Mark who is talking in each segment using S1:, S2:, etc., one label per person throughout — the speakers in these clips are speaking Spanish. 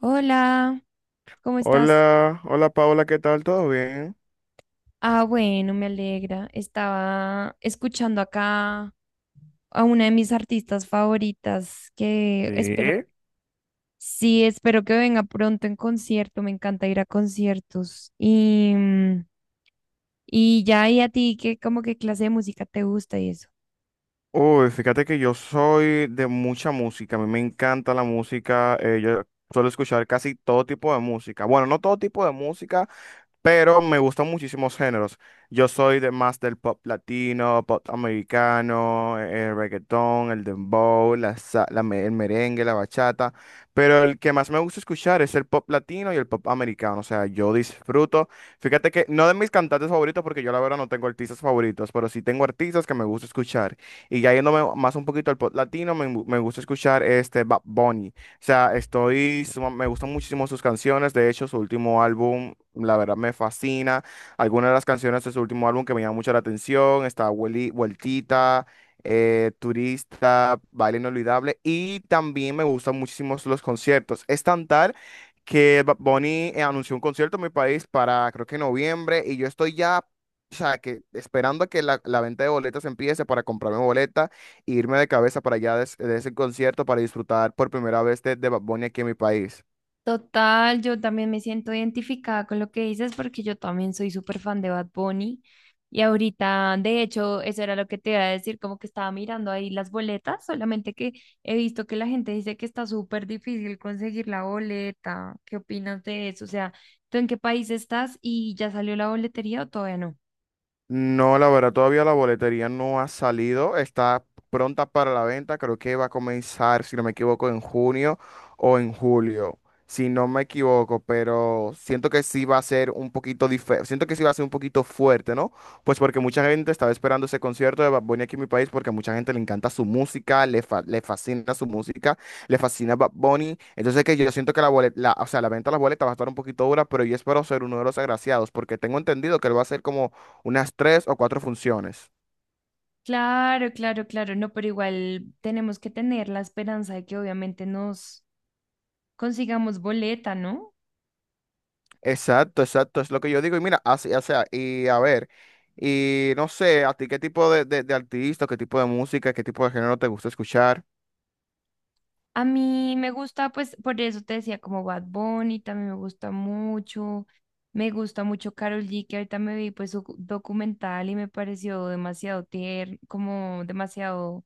S1: Hola, ¿cómo estás?
S2: Hola, hola Paola, ¿qué tal? ¿Todo bien?
S1: Ah, bueno, me alegra. Estaba escuchando acá a una de mis artistas favoritas que espero,
S2: Sí.
S1: sí, espero que venga pronto en concierto. Me encanta ir a conciertos. Y ya, ¿y a ti qué, como qué clase de música te gusta y eso?
S2: Uy, fíjate que yo soy de mucha música, a mí me encanta la música, yo suelo escuchar casi todo tipo de música, bueno, no todo tipo de música, pero me gustan muchísimos géneros. Yo soy de más del pop latino, pop americano, el reggaetón, el dembow, la, sa- la me- el merengue, la bachata, pero el que más me gusta escuchar es el pop latino y el pop americano, o sea, yo disfruto. Fíjate que no de mis cantantes favoritos, porque yo la verdad no tengo artistas favoritos, pero sí tengo artistas que me gusta escuchar. Y ya yéndome más un poquito al pop latino, me gusta escuchar este Bad Bunny sea, me gustan muchísimo sus canciones. De hecho, su último álbum, la verdad, me fascina. Algunas de las canciones de su último álbum que me llaman mucho la atención, está Vueltita, Turista, Baile Inolvidable. Y también me gustan muchísimo los conciertos. Es tan tal que Bad Bunny anunció un concierto en mi país para, creo que noviembre, y yo estoy ya... O sea, que esperando a que la venta de boletas empiece para comprarme boletas e irme de cabeza para allá ese concierto para disfrutar por primera vez de Bad Bunny aquí en mi país.
S1: Total, yo también me siento identificada con lo que dices porque yo también soy súper fan de Bad Bunny y ahorita, de hecho, eso era lo que te iba a decir, como que estaba mirando ahí las boletas, solamente que he visto que la gente dice que está súper difícil conseguir la boleta. ¿Qué opinas de eso? O sea, ¿tú en qué país estás y ya salió la boletería o todavía no?
S2: No, la verdad, todavía la boletería no ha salido, está pronta para la venta, creo que va a comenzar, si no me equivoco, en junio o en julio, si no me equivoco, pero siento que sí va a ser un poquito diferente, siento que sí va a ser un poquito fuerte, ¿no? Pues porque mucha gente estaba esperando ese concierto de Bad Bunny aquí en mi país porque a mucha gente le encanta su música, le fascina su música, le fascina Bad Bunny, entonces que yo siento que la boleta, o sea, la venta de las boletas va a estar un poquito dura, pero yo espero ser uno de los agraciados porque tengo entendido que él va a ser como unas tres o cuatro funciones.
S1: Claro, claro, claro, no, pero igual tenemos que tener la esperanza de que obviamente nos consigamos boleta, ¿no?
S2: Exacto, exacto, es lo que yo digo. Y mira, así, o sea, y a ver, y no sé, a ti qué tipo de artista, qué tipo de música, qué tipo de género te gusta escuchar.
S1: A mí me gusta, pues, por eso te decía, como Bad Bunny, también me gusta mucho. Me gusta mucho Karol G, que ahorita me vi, pues, su documental y me pareció demasiado tierno, como demasiado,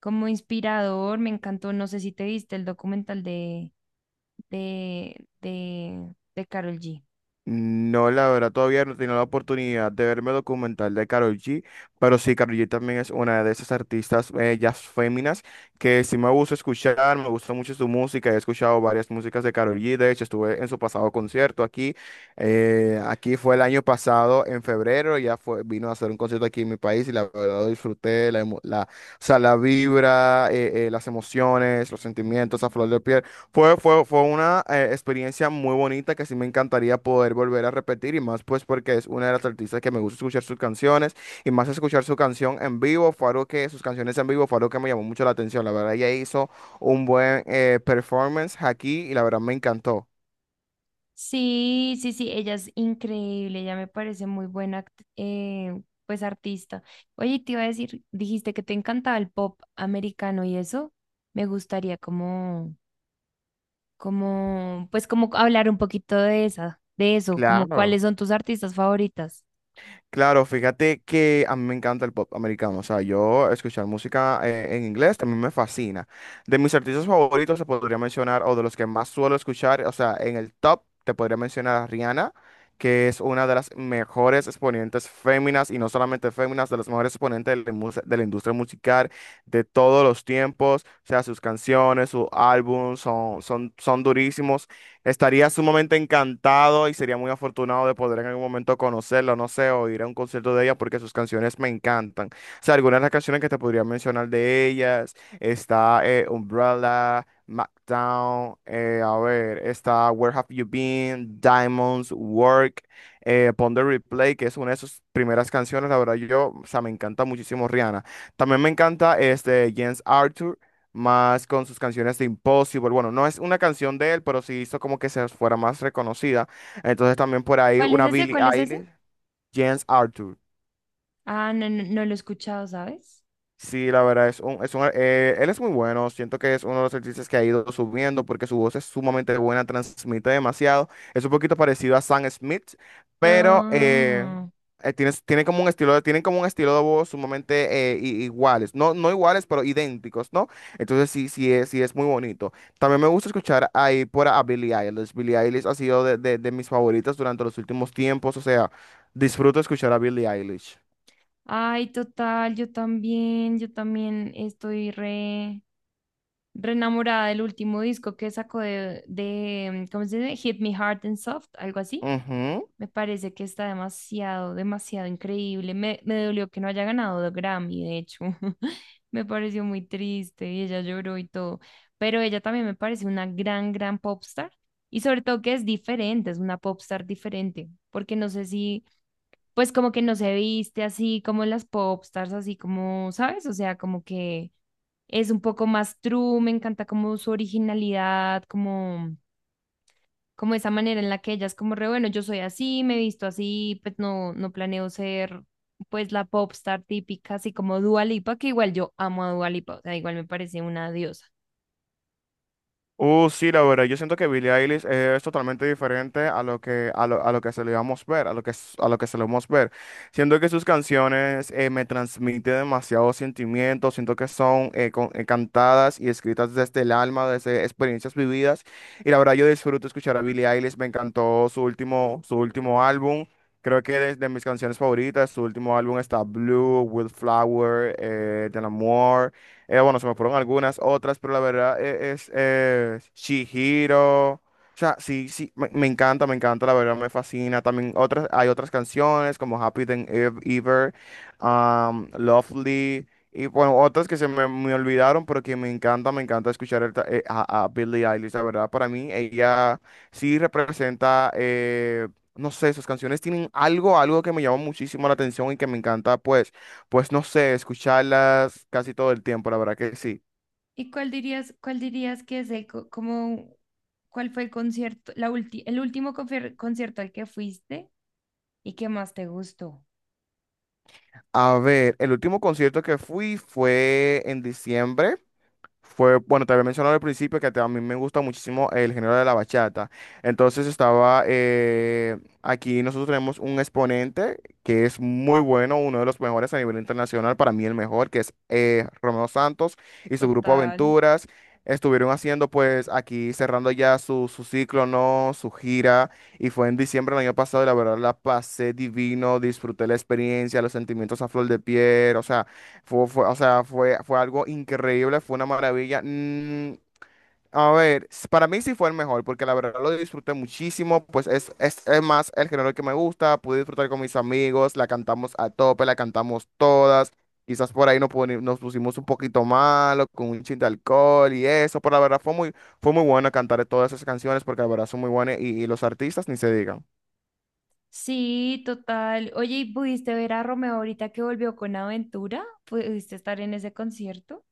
S1: como inspirador. Me encantó, no sé si te viste el documental de Karol G.
S2: No, la verdad, todavía no he tenido la oportunidad de verme el documental de Karol G, pero sí, Karol G también es una de esas artistas, jazz féminas, que sí me gusta escuchar, me gusta mucho su música, he escuchado varias músicas de Karol G, de hecho estuve en su pasado concierto aquí, aquí fue el año pasado, en febrero, ya fue, vino a hacer un concierto aquí en mi país y la verdad lo disfruté, la, o sea, la vibra, las emociones, los sentimientos a flor de piel. Fue una experiencia muy bonita que sí me encantaría poder volver a repetir y más pues porque es una de las artistas que me gusta escuchar sus canciones y más escuchar su canción en vivo fue algo que sus canciones en vivo fue algo que me llamó mucho la atención. La verdad ella hizo un buen performance aquí y la verdad me encantó.
S1: Sí, sí, sí, ella es increíble, ella me parece muy buena, pues artista. Oye, te iba a decir, dijiste que te encantaba el pop americano y eso, me gustaría como, como, pues como hablar un poquito de esa, de eso, como
S2: Claro.
S1: cuáles son tus artistas favoritas.
S2: Claro, fíjate que a mí me encanta el pop americano, o sea, yo escuchar música en inglés también me fascina. De mis artistas favoritos se podría mencionar, o de los que más suelo escuchar, o sea, en el top te podría mencionar a Rihanna, que es una de las mejores exponentes féminas, y no solamente féminas, de las mejores exponentes de de la industria musical de todos los tiempos, o sea, sus canciones, sus álbumes son durísimos. Estaría sumamente encantado y sería muy afortunado de poder en algún momento conocerla, no sé, o ir a un concierto de ella porque sus canciones me encantan. O sea, algunas de las canciones que te podría mencionar de ellas, está Umbrella, Smackdown, a ver, está Where Have You Been, Diamonds, Work, Pon the Replay, que es una de sus primeras canciones, la verdad yo, o sea, me encanta muchísimo Rihanna. También me encanta este James Arthur más con sus canciones de Impossible. Bueno, no es una canción de él, pero sí hizo como que se fuera más reconocida. Entonces también por ahí
S1: ¿Cuál es
S2: una
S1: ese?
S2: Billie
S1: ¿Cuál es ese?
S2: Eilish, James Arthur.
S1: Ah, no, no, no lo he escuchado, ¿sabes?
S2: Sí, la verdad es un, él es muy bueno. Siento que es uno de los artistas que ha ido subiendo porque su voz es sumamente buena, transmite demasiado. Es un poquito parecido a Sam Smith, pero
S1: Ah,
S2: tiene, como un estilo, tienen como un estilo de voz sumamente iguales. No, no iguales, pero idénticos, ¿no? Entonces sí, sí es muy bonito. También me gusta escuchar ahí por a Billie Eilish. Billie Eilish ha sido de mis favoritas durante los últimos tiempos. O sea, disfruto escuchar a Billie Eilish.
S1: Ay, total, yo también estoy re... Renamorada del último disco que sacó de, ¿cómo se dice? Hit Me Hard and Soft, algo así.
S2: Ujú.
S1: Me parece que está demasiado, demasiado increíble. Me dolió que no haya ganado de Grammy, de hecho. Me pareció muy triste y ella lloró y todo. Pero ella también me parece una gran, gran popstar. Y sobre todo que es diferente, es una popstar diferente. Porque no sé si, pues como que no se viste así como las popstars, así como, ¿sabes? O sea, como que es un poco más true, me encanta como su originalidad, como, como esa manera en la que ella es como re, bueno, yo soy así, me he visto así, pues no, no planeo ser pues la popstar típica, así como Dua Lipa, que igual yo amo a Dua Lipa, o sea, igual me parece una diosa.
S2: Sí, la verdad, yo siento que Billie Eilish es totalmente diferente a lo que, a lo que se le vamos ver, a lo que, a lo que se le vamos ver. Siento que sus canciones me transmiten demasiados sentimientos, siento que son cantadas y escritas desde el alma, desde experiencias vividas. Y la verdad, yo disfruto escuchar a Billie Eilish, me encantó su último álbum. Creo que es de mis canciones favoritas, su último álbum está Blue, Wildflower, Del Amor. Bueno, se me fueron algunas otras, pero la verdad es Chihiro. O sea, sí, sí, me encanta, la verdad me fascina. También otras, hay otras canciones como Ever, Lovely, y bueno, otras que me olvidaron, pero que me encanta escuchar a Billie Eilish, la verdad, para mí ella sí representa, no sé, sus canciones tienen algo, algo que me llama muchísimo la atención y que me encanta, pues. Pues no sé, escucharlas casi todo el tiempo, la verdad que sí.
S1: ¿Y cuál dirías que es el, co- como, cuál fue el concierto, la ulti- el último confer- concierto al que fuiste y que más te gustó?
S2: A ver, el último concierto que fui fue en diciembre. Fue, bueno, te había mencionado al principio que a mí me gusta muchísimo el género de la bachata. Entonces estaba, aquí nosotros tenemos un exponente que es muy bueno, uno de los mejores a nivel internacional, para mí el mejor, que es Romeo Santos y su grupo
S1: Total.
S2: Aventuras. Estuvieron haciendo pues aquí cerrando ya su ciclo, ¿no? Su gira. Y fue en diciembre del año pasado y la verdad la pasé divino, disfruté la experiencia, los sentimientos a flor de piel, o sea. O sea, fue algo increíble, fue una maravilla. Mm, a ver, para mí sí fue el mejor, porque la verdad lo disfruté muchísimo, pues es más el género que me gusta, pude disfrutar con mis amigos, la cantamos a tope, la cantamos todas, quizás por ahí nos pusimos un poquito malo, con un chin de alcohol y eso, pero la verdad fue muy bueno cantar todas esas canciones, porque la verdad son muy buenas y los artistas ni se digan.
S1: Sí, total. Oye, ¿y pudiste ver a Romeo ahorita que volvió con Aventura? ¿Pudiste estar en ese concierto?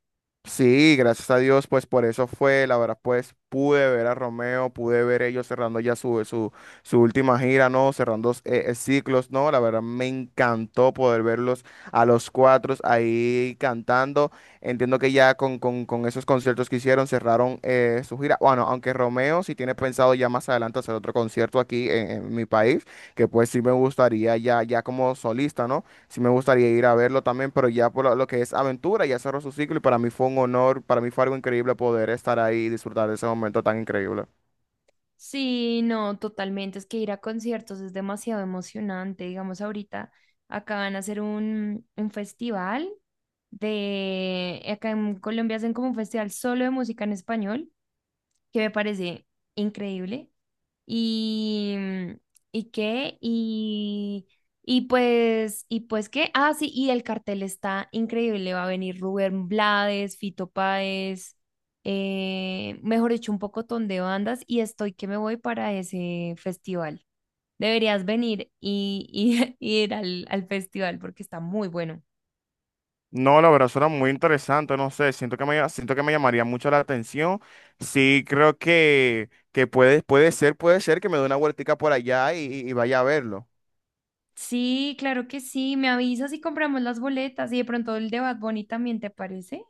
S2: Sí, gracias a Dios, pues por eso fue, la verdad, pues pude ver a Romeo, pude ver ellos cerrando ya su última gira, ¿no? Cerrando ciclos, ¿no? La verdad me encantó poder verlos a los cuatro ahí cantando. Entiendo que ya con esos conciertos que hicieron cerraron su gira. Bueno, aunque Romeo sí tiene pensado ya más adelante hacer otro concierto aquí en mi país, que pues sí me gustaría ya, ya como solista, ¿no? Sí me gustaría ir a verlo también, pero ya por lo que es aventura, ya cerró su ciclo y para mí fue un honor, para mí fue algo increíble poder estar ahí y disfrutar de ese momento tan increíble.
S1: Sí, no, totalmente. Es que ir a conciertos es demasiado emocionante. Digamos, ahorita acá van a hacer un festival de... Acá en Colombia hacen como un festival solo de música en español, que me parece increíble. Y, ¿Y qué? Y pues, ¿y pues qué? Ah, sí, y el cartel está increíble. Va a venir Rubén Blades, Fito Páez, mejor dicho, un pocotón de bandas. Y estoy que me voy para ese festival. Deberías venir y y ir al festival porque está muy bueno.
S2: No, la verdad suena muy interesante, no sé, siento que me llamaría mucho la atención. Sí, creo que, puede ser que me dé una vueltica por allá y vaya a verlo.
S1: Sí, claro que sí. Me avisas y compramos las boletas. Y de pronto el de Bad Bunny también, ¿te parece?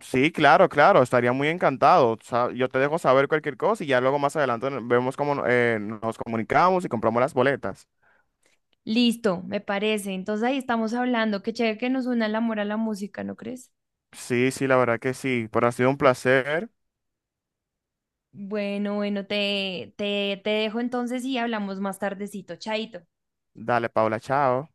S2: Sí, claro, claro, estaría muy encantado. Yo te dejo saber cualquier cosa y ya luego más adelante vemos cómo nos comunicamos y compramos las boletas.
S1: Listo, me parece. Entonces ahí estamos hablando. Qué chévere que nos una el amor a la música, ¿no crees?
S2: Sí, sí, la verdad que sí, pero ha sido un placer.
S1: Bueno, bueno, te dejo entonces y hablamos más tardecito. Chaito.
S2: Dale, Paula, chao.